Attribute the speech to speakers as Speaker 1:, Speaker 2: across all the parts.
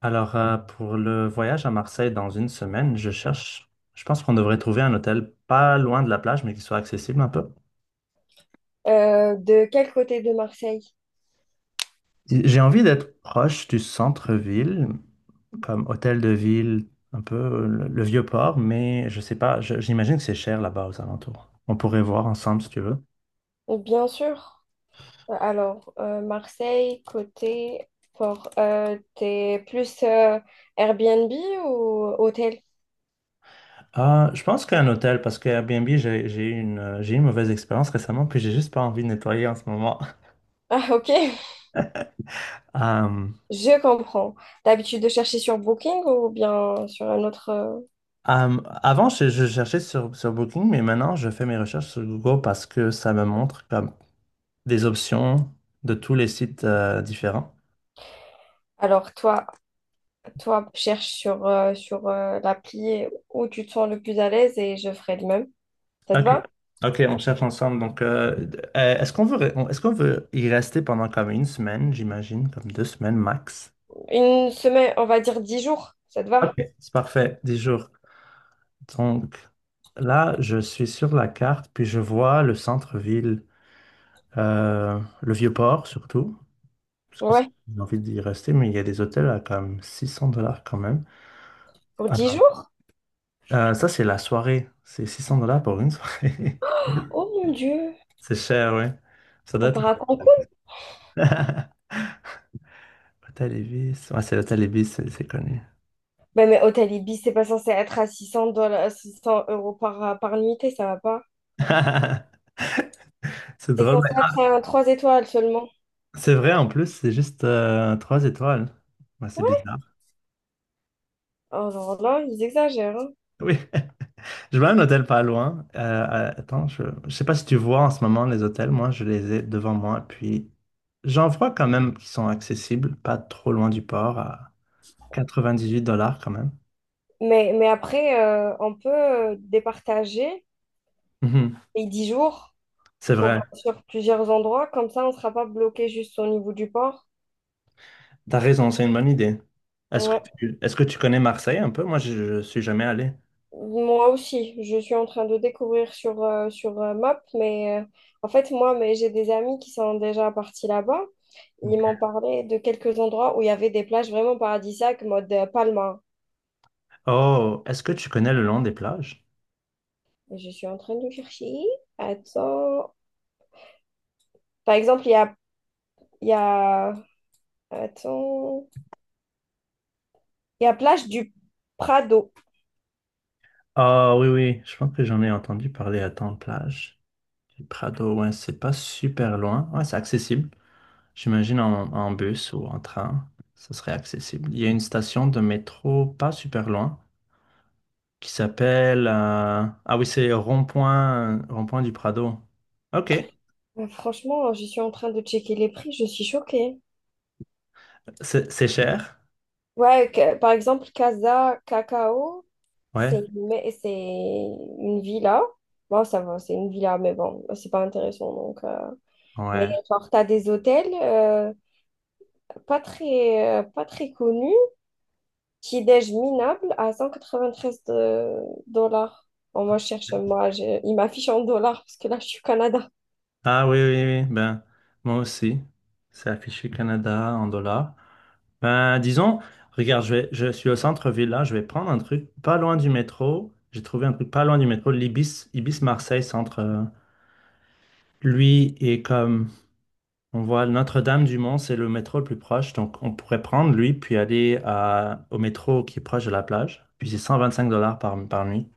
Speaker 1: Alors, pour le voyage à Marseille dans une semaine, je pense qu'on devrait trouver un hôtel pas loin de la plage, mais qui soit accessible un peu.
Speaker 2: De quel côté de Marseille?
Speaker 1: J'ai envie d'être proche du centre-ville, comme hôtel de ville, un peu le vieux port, mais je sais pas, j'imagine que c'est cher là-bas aux alentours. On pourrait voir ensemble si tu veux.
Speaker 2: Bien sûr. Alors, Marseille, côté port. T'es plus Airbnb ou hôtel?
Speaker 1: Ah, je pense qu'un hôtel, parce que Airbnb, j'ai eu une mauvaise expérience récemment, puis j'ai juste pas envie de nettoyer en ce moment.
Speaker 2: Ah, ok, je comprends. T'as l'habitude de chercher sur Booking ou bien sur un autre?
Speaker 1: Avant, je cherchais sur Booking, mais maintenant, je fais mes recherches sur Google parce que ça me montre comme des options de tous les sites différents.
Speaker 2: Alors, toi, cherche sur l'appli où tu te sens le plus à l'aise et je ferai de même. Ça te
Speaker 1: OK.
Speaker 2: va?
Speaker 1: OK, on cherche ensemble. Donc, est-ce qu'on veut y rester pendant comme une semaine, j'imagine, comme 2 semaines max?
Speaker 2: Une semaine, on va dire 10 jours. Ça te va?
Speaker 1: OK, c'est parfait, 10 jours. Donc, là, je suis sur la carte, puis je vois le centre-ville, le Vieux-Port surtout, parce que
Speaker 2: Ouais,
Speaker 1: j'ai envie d'y rester, mais il y a des hôtels à comme 600 dollars quand même.
Speaker 2: pour dix
Speaker 1: Ah,
Speaker 2: jours?
Speaker 1: ça, c'est la soirée. C'est 600 dollars pour une soirée.
Speaker 2: Oh mon Dieu,
Speaker 1: C'est cher, ouais. Ça doit
Speaker 2: on
Speaker 1: être...
Speaker 2: part à Cancun?
Speaker 1: Hôtel Ibis. Ouais, c'est l'hôtel Ibis, c'est connu.
Speaker 2: Ben, mais Hôtel Ibis, c'est pas censé être à 600 dollars, 600 € par nuitée, ça va pas.
Speaker 1: C'est
Speaker 2: C'est
Speaker 1: drôle,
Speaker 2: censé
Speaker 1: mais-
Speaker 2: être à 3 étoiles seulement.
Speaker 1: ah, c'est vrai, en plus, c'est juste 3 étoiles. Ouais, c'est
Speaker 2: Ouais.
Speaker 1: bizarre.
Speaker 2: Alors là, ils exagèrent, hein.
Speaker 1: Oui. Je vois un hôtel pas loin. Attends, je sais pas si tu vois en ce moment les hôtels. Moi, je les ai devant moi. Puis, j'en vois quand même qui sont accessibles, pas trop loin du port, à 98 dollars quand même.
Speaker 2: Mais après, on peut départager
Speaker 1: Mhm.
Speaker 2: les 10 jours
Speaker 1: C'est vrai.
Speaker 2: sur plusieurs endroits. Comme ça, on ne sera pas bloqué juste au niveau du port.
Speaker 1: T'as raison, c'est une bonne idée.
Speaker 2: Ouais.
Speaker 1: Est-ce que tu connais Marseille un peu? Moi, je suis jamais allé.
Speaker 2: Moi aussi, je suis en train de découvrir sur Map, mais en fait, moi, mais j'ai des amis qui sont déjà partis là-bas. Ils
Speaker 1: Ok.
Speaker 2: m'ont parlé de quelques endroits où il y avait des plages vraiment paradisiaques, mode Palma.
Speaker 1: Oh, est-ce que tu connais le long des plages?
Speaker 2: Et je suis en train de chercher. Attends. Par exemple, il y a... Attends. Il y a plage du Prado.
Speaker 1: Ah oui, oui, je pense que j'en ai entendu parler à tant de plages. Le Prado, ouais, c'est pas super loin. Ouais, c'est accessible. J'imagine en bus ou en train, ça serait accessible. Il y a une station de métro pas super loin qui s'appelle... Ah oui, c'est Rond-Point, Rond-Point du Prado. Ok,
Speaker 2: Franchement, je suis en train de checker les prix, je suis choquée.
Speaker 1: c'est cher.
Speaker 2: Ouais, par exemple, Casa Cacao, c'est
Speaker 1: Ouais,
Speaker 2: une, ma- c'est une villa. Bon, ça va, c'est une villa, mais bon, c'est pas intéressant. Donc. Mais
Speaker 1: ouais.
Speaker 2: genre, t'as des hôtels pas très connus, petit-déj minable à 193 dollars. Bon, moi, je cherche, moi, il m'affiche en dollars parce que là, je suis au Canada.
Speaker 1: Ah oui. Ben, moi aussi. C'est affiché Canada en dollars. Ben, disons, regarde, je suis au centre-ville là, je vais prendre un truc pas loin du métro. J'ai trouvé un truc pas loin du métro, l'Ibis, Ibis Marseille Centre. Lui est comme on voit Notre-Dame-du-Mont, c'est le métro le plus proche, donc on pourrait prendre lui puis aller à, au métro qui est proche de la plage. Puis c'est 125 dollars par nuit.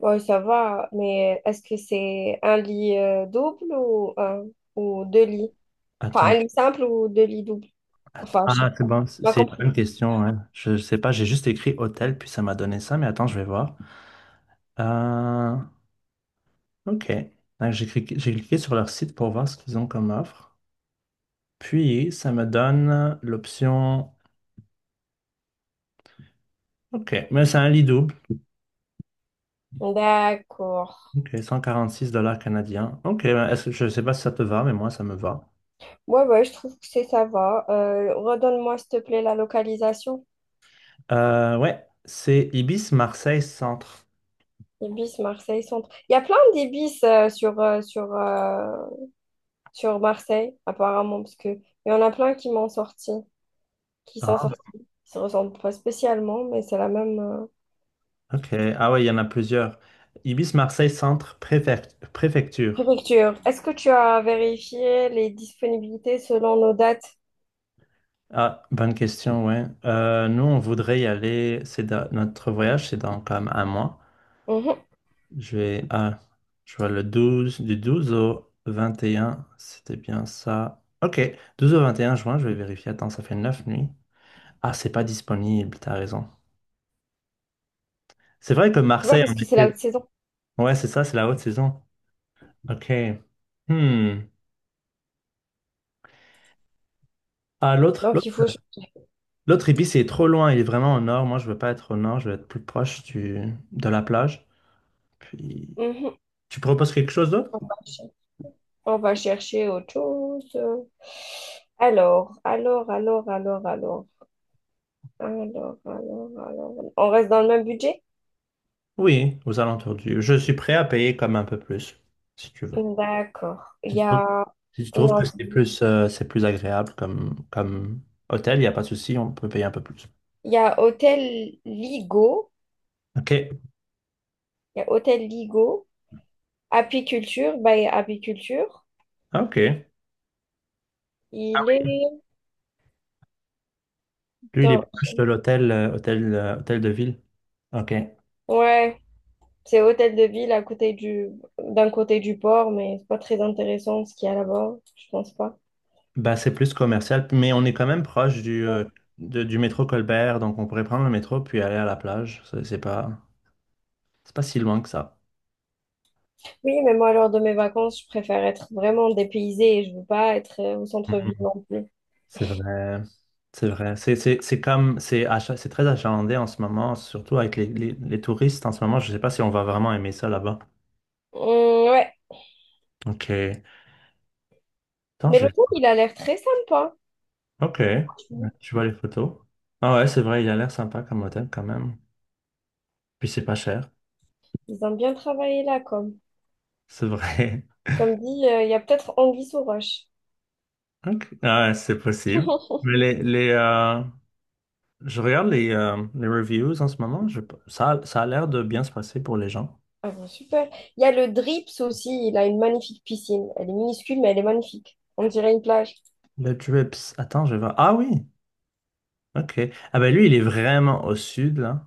Speaker 2: Ouais, ça va, mais est-ce que c'est un lit double ou deux lits? Enfin,
Speaker 1: Attends.
Speaker 2: un lit simple ou deux lits doubles? Enfin, je
Speaker 1: Ah,
Speaker 2: sais
Speaker 1: c'est
Speaker 2: pas.
Speaker 1: bon, c'est
Speaker 2: Tu m'as
Speaker 1: c'est une
Speaker 2: compris.
Speaker 1: bonne question, hein. Je sais pas, j'ai juste écrit hôtel, puis ça m'a donné ça, mais attends, je vais voir. Euh, ok. Donc, j'ai cliqué sur leur site pour voir ce qu'ils ont comme offre. Puis, ça me donne l'option. Ok, mais c'est un lit double.
Speaker 2: D'accord.
Speaker 1: Ok, 146 dollars canadiens. Ok, ben, je sais pas si ça te va, mais moi, ça me va.
Speaker 2: Ouais, ouais, je trouve que c'est ça va. Redonne-moi, s'il te plaît, la localisation.
Speaker 1: Ouais, c'est Ibis Marseille Centre.
Speaker 2: Ibis, Marseille, centre. Il y a plein d'Ibis sur Marseille, apparemment, parce que il y en a plein qui m'ont sorti, qui sont
Speaker 1: Ah,
Speaker 2: sortis. Ils se ressemblent pas spécialement, mais c'est la même
Speaker 1: ok. Ah, ouais, il y en a plusieurs. Ibis Marseille Centre Préfecture.
Speaker 2: préfecture. Est-ce que tu as vérifié les disponibilités selon nos dates?
Speaker 1: Ah, bonne question, ouais. Nous, on voudrait y aller. Notre voyage, c'est dans comme un mois.
Speaker 2: Mhm.
Speaker 1: Je vais, ah, je vois le 12 du 12 au 21. C'était bien ça. Ok, 12 au 21 juin, je vais vérifier. Attends, ça fait 9 nuits. Ah, c'est pas disponible, t'as raison. C'est vrai que
Speaker 2: Tu vois,
Speaker 1: Marseille
Speaker 2: parce
Speaker 1: en
Speaker 2: que c'est la
Speaker 1: été.
Speaker 2: haute saison.
Speaker 1: Ouais, c'est ça, c'est la haute saison. Ok. Hmm. Ah,
Speaker 2: Donc, il faut...
Speaker 1: l'autre Ibis, il est trop loin. Il est vraiment au nord. Moi, je veux pas être au nord. Je veux être plus proche de la plage. Puis,
Speaker 2: Mhm.
Speaker 1: tu proposes quelque chose d'autre?
Speaker 2: On va chercher autre chose. Alors, alors. Alors, alors. On reste dans le même budget?
Speaker 1: Oui, aux alentours du. Je suis prêt à payer comme un peu plus, si tu veux.
Speaker 2: D'accord. Il
Speaker 1: Si
Speaker 2: y
Speaker 1: tu trouves,
Speaker 2: a,
Speaker 1: si tu trouves que
Speaker 2: non,
Speaker 1: c'est plus agréable comme hôtel, il n'y a pas de souci, on peut payer un peu plus.
Speaker 2: il y a Hôtel Ligo.
Speaker 1: OK.
Speaker 2: Il y a Hôtel Ligo. Apiculture, bah apiculture.
Speaker 1: OK.
Speaker 2: Il est.
Speaker 1: Lui, il est
Speaker 2: Attends,
Speaker 1: proche de l'hôtel, hôtel de ville. OK.
Speaker 2: ouais, c'est hôtel de ville à côté du d'un côté du port, mais c'est pas très intéressant ce qu'il y a là-bas, je pense pas.
Speaker 1: Bah, c'est plus commercial, mais on est quand même proche du métro Colbert, donc on pourrait prendre le métro puis aller à la plage. C'est pas si loin que ça.
Speaker 2: Oui, mais moi, lors de mes vacances, je préfère être vraiment dépaysée et je veux pas être au centre-ville non plus.
Speaker 1: C'est vrai, c'est vrai. C'est comme, c'est très achalandé en ce moment, surtout avec les touristes en ce moment. Je ne sais pas si on va vraiment aimer ça là-bas.
Speaker 2: Ouais,
Speaker 1: Ok. Attends,
Speaker 2: mais
Speaker 1: je vais...
Speaker 2: l'hôtel, il a l'air très sympa.
Speaker 1: Ok. Je vois les photos. Ah ouais, c'est vrai, il a l'air sympa comme hôtel quand même. Puis c'est pas cher.
Speaker 2: Ils ont bien travaillé là, comme.
Speaker 1: C'est vrai.
Speaker 2: Comme dit, il y a peut-être anguille sous roche.
Speaker 1: Ok. Ah ouais, c'est possible. Mais je regarde les reviews en ce moment. Je... ça a l'air de bien se passer pour les gens.
Speaker 2: Ah bon, super. Il y a le Drips aussi, il a une magnifique piscine. Elle est minuscule, mais elle est magnifique. On dirait une plage.
Speaker 1: Le Drips. Attends, je vais voir. Ah oui. Ok. Ah ben lui, il est vraiment au sud, là.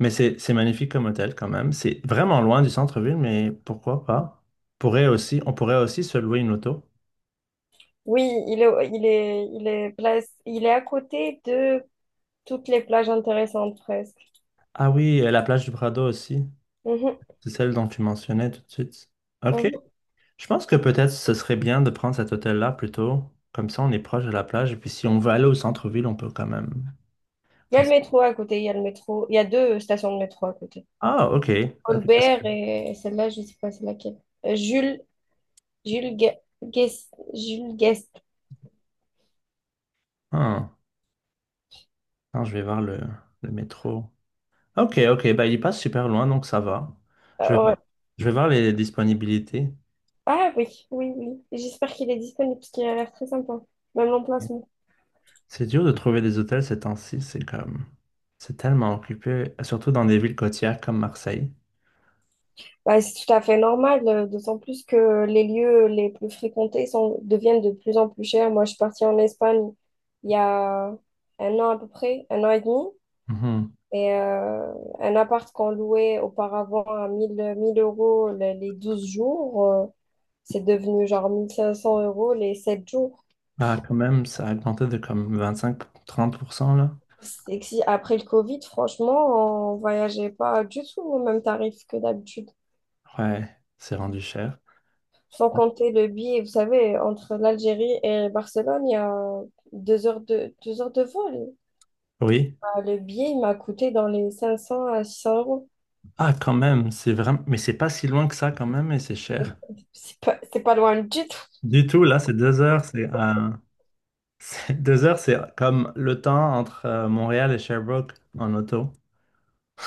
Speaker 1: Mais c'est magnifique comme hôtel quand même. C'est vraiment loin du centre-ville, mais pourquoi pas? Pourrait aussi, on pourrait aussi se louer une auto.
Speaker 2: Oui, il est à côté de toutes les plages intéressantes presque.
Speaker 1: Ah oui, la plage du Prado aussi.
Speaker 2: Mhm,
Speaker 1: C'est celle dont tu mentionnais tout de suite. OK.
Speaker 2: mhm.
Speaker 1: Je pense que peut-être ce serait bien de prendre cet hôtel-là plutôt. Comme ça, on est proche de la plage. Et puis si on veut aller au centre-ville, on peut quand même.
Speaker 2: Il y a
Speaker 1: Attends,
Speaker 2: le métro à côté, il y a le métro. Il y a deux stations de métro à côté.
Speaker 1: Ah, OK. OK.
Speaker 2: Colbert et celle-là, je sais pas c'est laquelle. Euh, Jules, Jules Guest.
Speaker 1: Ah, attends, je vais voir le métro. OK, OK. Bah, il passe super loin, donc ça va. Je vais,
Speaker 2: Ouais.
Speaker 1: je vais voir les disponibilités.
Speaker 2: Ah oui, oui, oui. J'espère qu'il est disponible parce qu'il a l'air très sympa, même l'emplacement.
Speaker 1: C'est dur de trouver des hôtels ces temps-ci, c'est comme... c'est tellement occupé, surtout dans des villes côtières comme Marseille.
Speaker 2: Bah, c'est tout à fait normal, d'autant plus que les lieux les plus fréquentés deviennent de plus en plus chers. Moi, je suis partie en Espagne il y a un an à peu près, un an et demi.
Speaker 1: Mhm.
Speaker 2: Et un appart qu'on louait auparavant à mille euros les 12 jours, c'est devenu genre 1 500 € les 7 jours.
Speaker 1: Ah, quand même, ça a augmenté de comme 25-30% là.
Speaker 2: C'est que si après le Covid, franchement, on voyageait pas du tout au même tarif que d'habitude.
Speaker 1: Ouais, c'est rendu cher.
Speaker 2: Sans compter le billet, vous savez, entre l'Algérie et Barcelone, il y a deux heures de vol.
Speaker 1: Oui.
Speaker 2: Bah, le billet, il m'a coûté dans les 500 à 600 euros.
Speaker 1: Ah, quand même, c'est vraiment... Mais c'est pas si loin que ça quand même, et c'est cher.
Speaker 2: C'est pas loin du tout.
Speaker 1: Du tout, là, c'est 2 heures, c'est... 2 heures, c'est comme le temps entre Montréal et Sherbrooke en auto.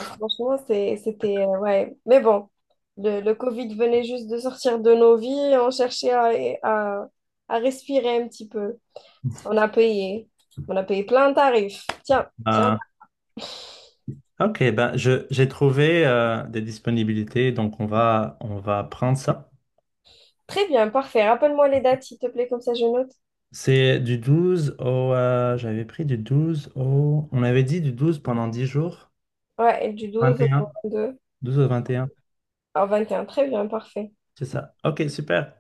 Speaker 2: Franchement, c'était, ouais. Mais bon, le Covid venait juste de sortir de nos vies. On cherchait à à respirer un petit peu. On a payé. On a payé plein de tarifs. Tiens, tiens.
Speaker 1: Euh, ok, ben je j'ai trouvé des disponibilités, donc on va prendre ça.
Speaker 2: Très bien, parfait. Rappelle-moi les dates, s'il te plaît, comme ça je note.
Speaker 1: C'est du 12 au... j'avais pris du 12 au... On avait dit du 12 pendant 10 jours.
Speaker 2: Ouais, et du
Speaker 1: Vingt
Speaker 2: 12 au
Speaker 1: et un.
Speaker 2: 22.
Speaker 1: 12 au 21.
Speaker 2: Au 21. Très bien, parfait.
Speaker 1: C'est ça. Ok, super.